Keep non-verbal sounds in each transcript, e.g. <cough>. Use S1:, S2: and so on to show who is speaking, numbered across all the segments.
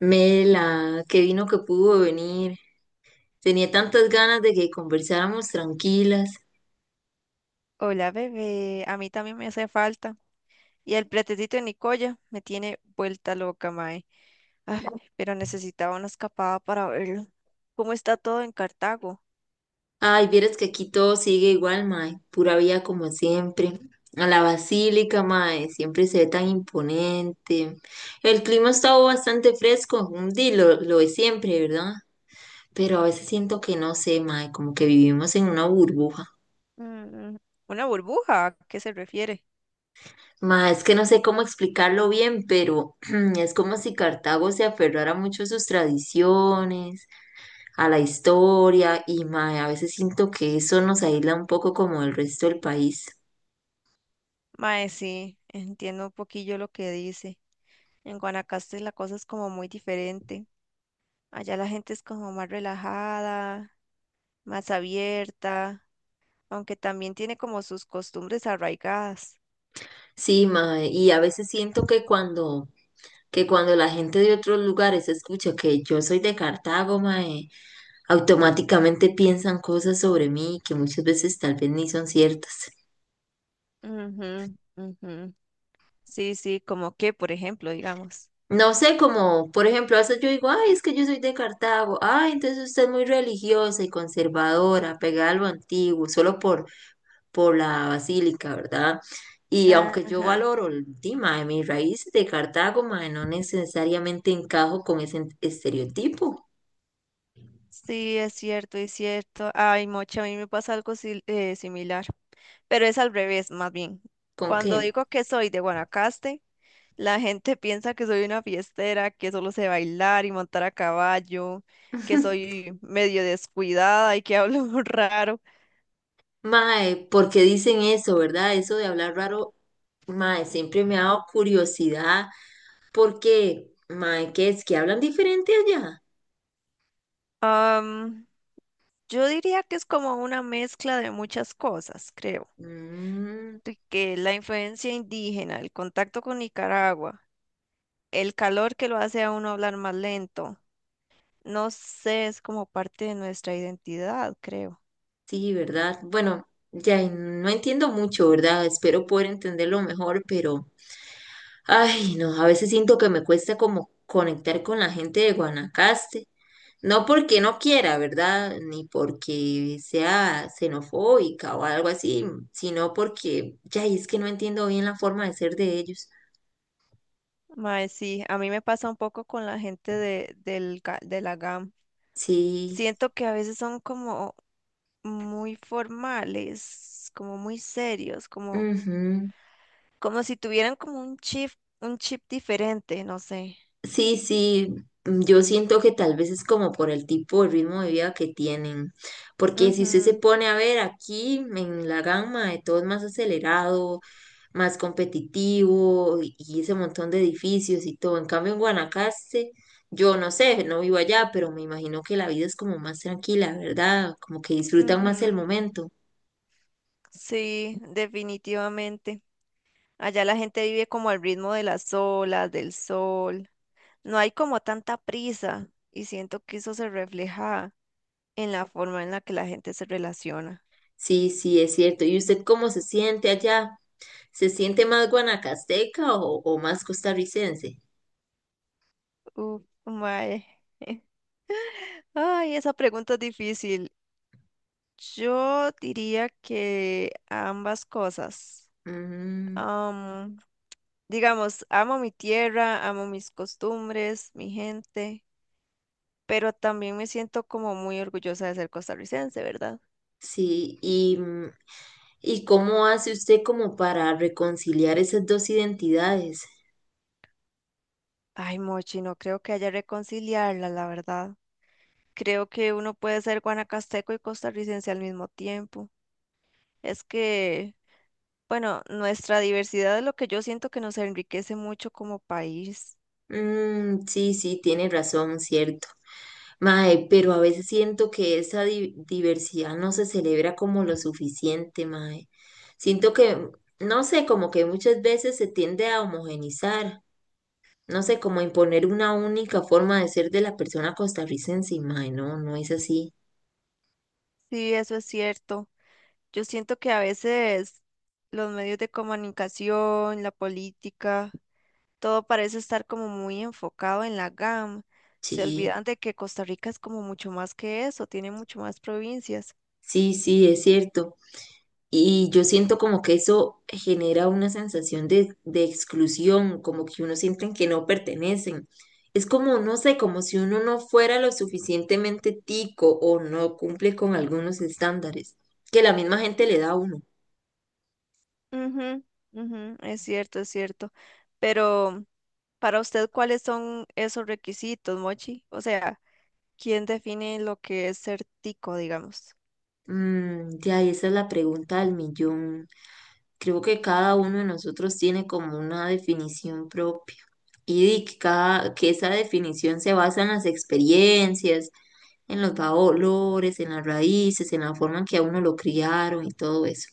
S1: Mela, qué vino que pudo venir. Tenía tantas ganas de que conversáramos tranquilas.
S2: Hola, bebé. A mí también me hace falta. Y el pretecito de Nicoya me tiene vuelta loca, mae. Ay, pero necesitaba una escapada para verlo. ¿Cómo está todo en Cartago?
S1: Ay, vieras que aquí todo sigue igual, mae. Pura vida como siempre. A la basílica, mae, siempre se ve tan imponente. El clima ha estado bastante fresco, un día lo de siempre, ¿verdad? Pero a veces siento que no sé, mae, como que vivimos en una burbuja.
S2: Mm, una burbuja, ¿a qué se refiere?
S1: Mae, es que no sé cómo explicarlo bien, pero <clears throat> es como si Cartago se aferrara mucho a sus tradiciones, a la historia y mae, a veces siento que eso nos aísla un poco como el resto del país.
S2: Mae, sí, entiendo un poquillo lo que dice. En Guanacaste la cosa es como muy diferente. Allá la gente es como más relajada, más abierta, aunque también tiene como sus costumbres arraigadas.
S1: Sí, mae, y a veces siento que cuando la gente de otros lugares escucha que yo soy de Cartago, mae, automáticamente piensan cosas sobre mí que muchas veces tal vez ni son ciertas.
S2: Ujú, ujú. Sí, sí, como que, por ejemplo, digamos.
S1: No sé, como por ejemplo, a veces yo digo, ay, es que yo soy de Cartago, ay, entonces usted es muy religiosa y conservadora, pegada a lo antiguo, solo por la basílica, ¿verdad? Y aunque yo
S2: Ajá.
S1: valoro el tema de mis raíces de Cartago, mae, no necesariamente encajo con ese estereotipo.
S2: Sí, es cierto, es cierto. Ay, mocha, a mí me pasa algo similar, pero es al revés, más bien.
S1: ¿Con qué?
S2: Cuando digo que soy de Guanacaste, la gente piensa que soy una fiestera, que solo sé bailar y montar a caballo, que
S1: <laughs>
S2: soy medio descuidada y que hablo <laughs> raro.
S1: Mae, porque dicen eso, ¿verdad? Eso de hablar raro, mae, siempre me ha dado curiosidad. ¿Por qué, Mae? ¿Qué es? ¿Que hablan diferente allá?
S2: Am, yo diría que es como una mezcla de muchas cosas, creo.
S1: Mm,
S2: De Que la influencia indígena, el contacto con Nicaragua. El calor que lo hace a uno hablar más lento. No sé, es como parte de nuestra identidad, creo.
S1: sí, ¿verdad? Bueno, ya no entiendo mucho, ¿verdad? Espero poder entenderlo mejor, pero ay, no, a veces siento que me cuesta como conectar con la gente de Guanacaste. No porque no quiera, ¿verdad? Ni porque sea xenofóbica o algo así, sino porque ya y es que no entiendo bien la forma de ser de ellos.
S2: Mae, sí, a mí me pasa un poco con la gente de la GAM.
S1: Sí,
S2: Siento que a veces son como muy formales, como muy serios, como,
S1: ujú.
S2: como si tuvieran como un chip diferente, no sé.
S1: Sí, sí, yo siento que tal vez es como por el tipo de ritmo de vida que tienen. Porque si usted se
S2: Ujú,
S1: pone a ver aquí en la gama, de todo es más acelerado, más competitivo y ese montón de edificios y todo. En cambio, en Guanacaste, yo no sé, no vivo allá, pero me imagino que la vida es como más tranquila, ¿verdad? Como que disfrutan más el
S2: ujú.
S1: momento.
S2: Sí, definitivamente. Allá la gente vive como al ritmo de las olas, del sol. No hay como tanta prisa y siento que eso se refleja en la forma en la que la gente se relaciona.
S1: Sí, sí, es cierto. ¿Y usted cómo se siente allá? ¿Se siente más guanacasteca o más costarricense?
S2: Uf, mae. <laughs> Ay, esa pregunta es difícil. Yo diría que ambas cosas.
S1: Mm,
S2: Am, digamos, amo mi tierra, amo mis costumbres, mi gente, pero también me siento como muy orgullosa de ser costarricense, ¿verdad?
S1: sí, y, ¿y cómo hace usted como para reconciliar esas dos identidades?
S2: Ay, Mochi, no creo que haya reconciliarla, la verdad. Creo que uno puede ser guanacasteco y costarricense al mismo tiempo. Es que, bueno, nuestra diversidad es lo que yo siento que nos enriquece mucho como país.
S1: Mm, sí, sí, tiene razón, cierto. Mae, pero a veces siento que esa diversidad no se celebra como lo suficiente, mae. Siento que, no sé, como que muchas veces se tiende a homogenizar, no sé, como a imponer una única forma de ser de la persona costarricense, y mae, no, no es así.
S2: Sí, eso es cierto. Yo siento que a veces los medios de comunicación, la política, todo parece estar como muy enfocado en la GAM. Se
S1: Sí,
S2: olvidan de que Costa Rica es como mucho más que eso, tiene mucho más provincias.
S1: sí, sí, es cierto. Y yo siento como que eso genera una sensación de exclusión, como que uno sienten que no pertenecen. Es como, no sé, como si uno no fuera lo suficientemente tico o no cumple con algunos estándares que la misma gente le da a uno.
S2: Ujú, ujú, es cierto, es cierto. Pero... para usted, ¿cuáles son esos requisitos, Mochi? O sea, ¿quién define lo que es ser tico, digamos?
S1: Mm, ya, y esa es la pregunta del millón. Creo que cada uno de nosotros tiene como una definición propia y que esa definición se basa en las experiencias, en los valores, en las raíces, en la forma en que a uno lo criaron y todo eso.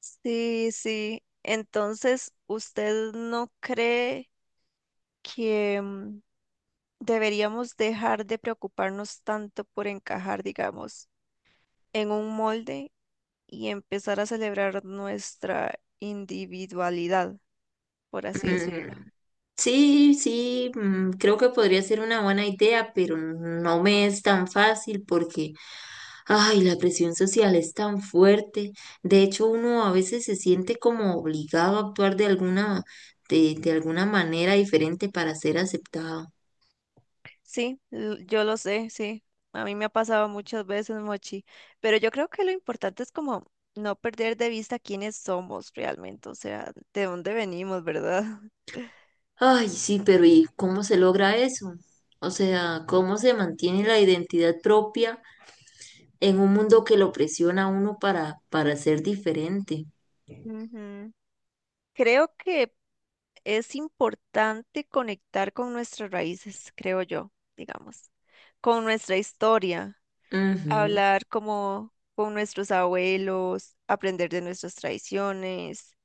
S2: Sí, sí. Entonces, ¿usted no cree que deberíamos dejar de preocuparnos tanto por encajar, digamos, en un molde y empezar a celebrar nuestra individualidad, por así decirlo?
S1: Mm. Sí, sí, mm, creo que podría ser una buena idea, pero no me es tan fácil porque, ay, la presión social es tan fuerte. De hecho, uno a veces se siente como obligado a actuar de alguna, de alguna manera diferente para ser aceptado.
S2: Sí, yo lo sé, sí. A mí me ha pasado muchas veces, Mochi. Pero yo creo que lo importante es como no perder de vista quiénes somos realmente, o sea, de dónde venimos, ¿verdad? <laughs>
S1: Ay, sí, pero ¿y cómo se logra eso? O sea, ¿cómo se mantiene la identidad propia en un mundo que lo presiona a uno para ser diferente?
S2: Ujú. Creo que es importante conectar con nuestras raíces, creo yo, digamos, con nuestra historia,
S1: Ujú.
S2: hablar como con nuestros abuelos, aprender de nuestras tradiciones.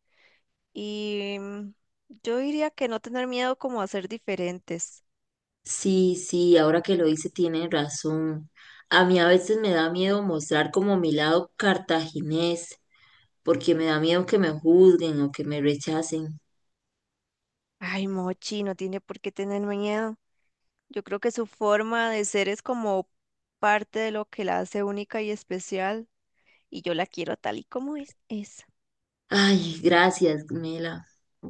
S2: Y mm, yo diría que no tener miedo como a ser diferentes.
S1: Sí, sí, ahora que lo dice tiene razón. A mí a veces me da miedo mostrar como mi lado cartaginés, porque me da miedo que me juzguen o que me rechacen.
S2: Ay, Mochi, no tiene por qué tener miedo. Yo creo que su forma de ser es como parte de lo que la hace única y especial. Y yo la quiero tal y como es. Es.
S1: Ay, gracias, Mela.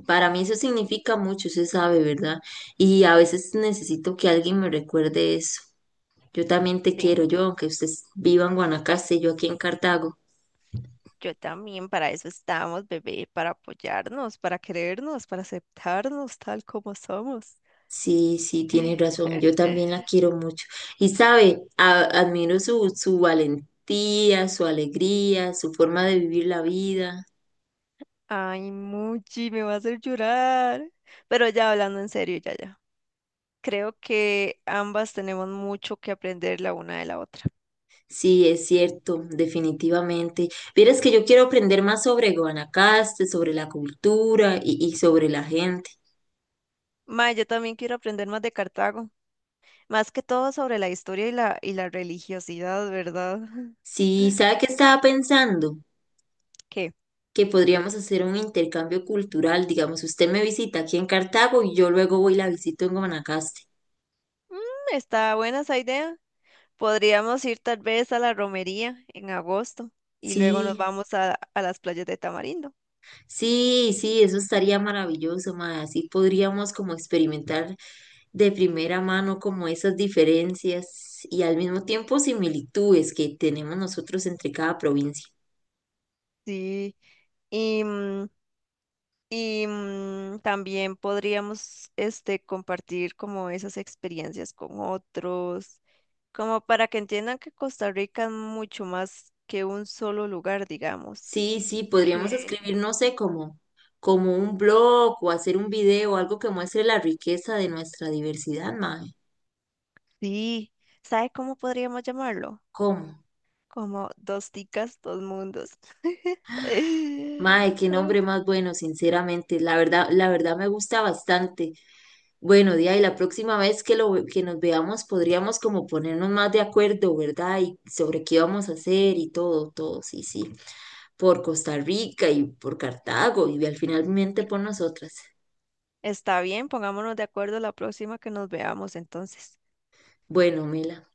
S1: Para mí eso significa mucho, se sabe, ¿verdad? Y a veces necesito que alguien me recuerde eso. Yo también te
S2: Sí,
S1: quiero, yo, aunque ustedes vivan en Guanacaste, yo aquí en Cartago.
S2: yo también para eso estamos, bebé, para apoyarnos, para querernos, para aceptarnos tal como somos.
S1: Sí, sí, tienes razón. Yo también la
S2: <laughs>
S1: quiero mucho. Y sabe, admiro su, su valentía, su alegría, su forma de vivir la vida.
S2: Ay, Mochi, me va a hacer llorar. Pero ya hablando en serio, ya, ya. Creo que ambas tenemos mucho que aprender la una de la otra.
S1: Sí, es cierto, definitivamente. Vieras que yo quiero aprender más sobre Guanacaste, sobre la cultura y sobre la gente.
S2: Ma, yo también quiero aprender más de Cartago, más que todo sobre la historia y la religiosidad, ¿verdad? <laughs>
S1: Sí, ¿sabe qué estaba pensando?
S2: ¿Qué?
S1: Que podríamos hacer un intercambio cultural. Digamos, usted me visita aquí en Cartago y yo luego voy y la visito en Guanacaste.
S2: Mm, está buena esa idea. Podríamos ir tal vez a la romería en agosto y luego nos
S1: Sí.
S2: vamos a las playas de Tamarindo.
S1: Sí, sí, eso estaría maravilloso, mae. Así podríamos como experimentar de primera mano como esas diferencias y al mismo tiempo similitudes que tenemos nosotros entre cada provincia.
S2: Sí, y mm, también podríamos este, compartir como esas experiencias con otros, como para que entiendan que Costa Rica es mucho más que un solo lugar, digamos.
S1: Sí, sí, podríamos
S2: Que
S1: escribir, no sé, como, como un blog o hacer un video, algo que muestre la riqueza de nuestra diversidad, mae.
S2: sí, ¿sabe cómo podríamos llamarlo?
S1: ¿Cómo?
S2: Como dos ticas, dos mundos.
S1: Mae, qué
S2: <laughs>
S1: nombre más bueno, sinceramente. La verdad me gusta bastante. Bueno, Día, y la próxima vez que nos veamos podríamos como ponernos más de acuerdo, ¿verdad? Y sobre qué vamos a hacer y todo, todo, sí, sí. Por Costa Rica y por Cartago y al finalmente por nosotras.
S2: Está bien, pongámonos de acuerdo la próxima que nos veamos entonces.
S1: Bueno, Mela.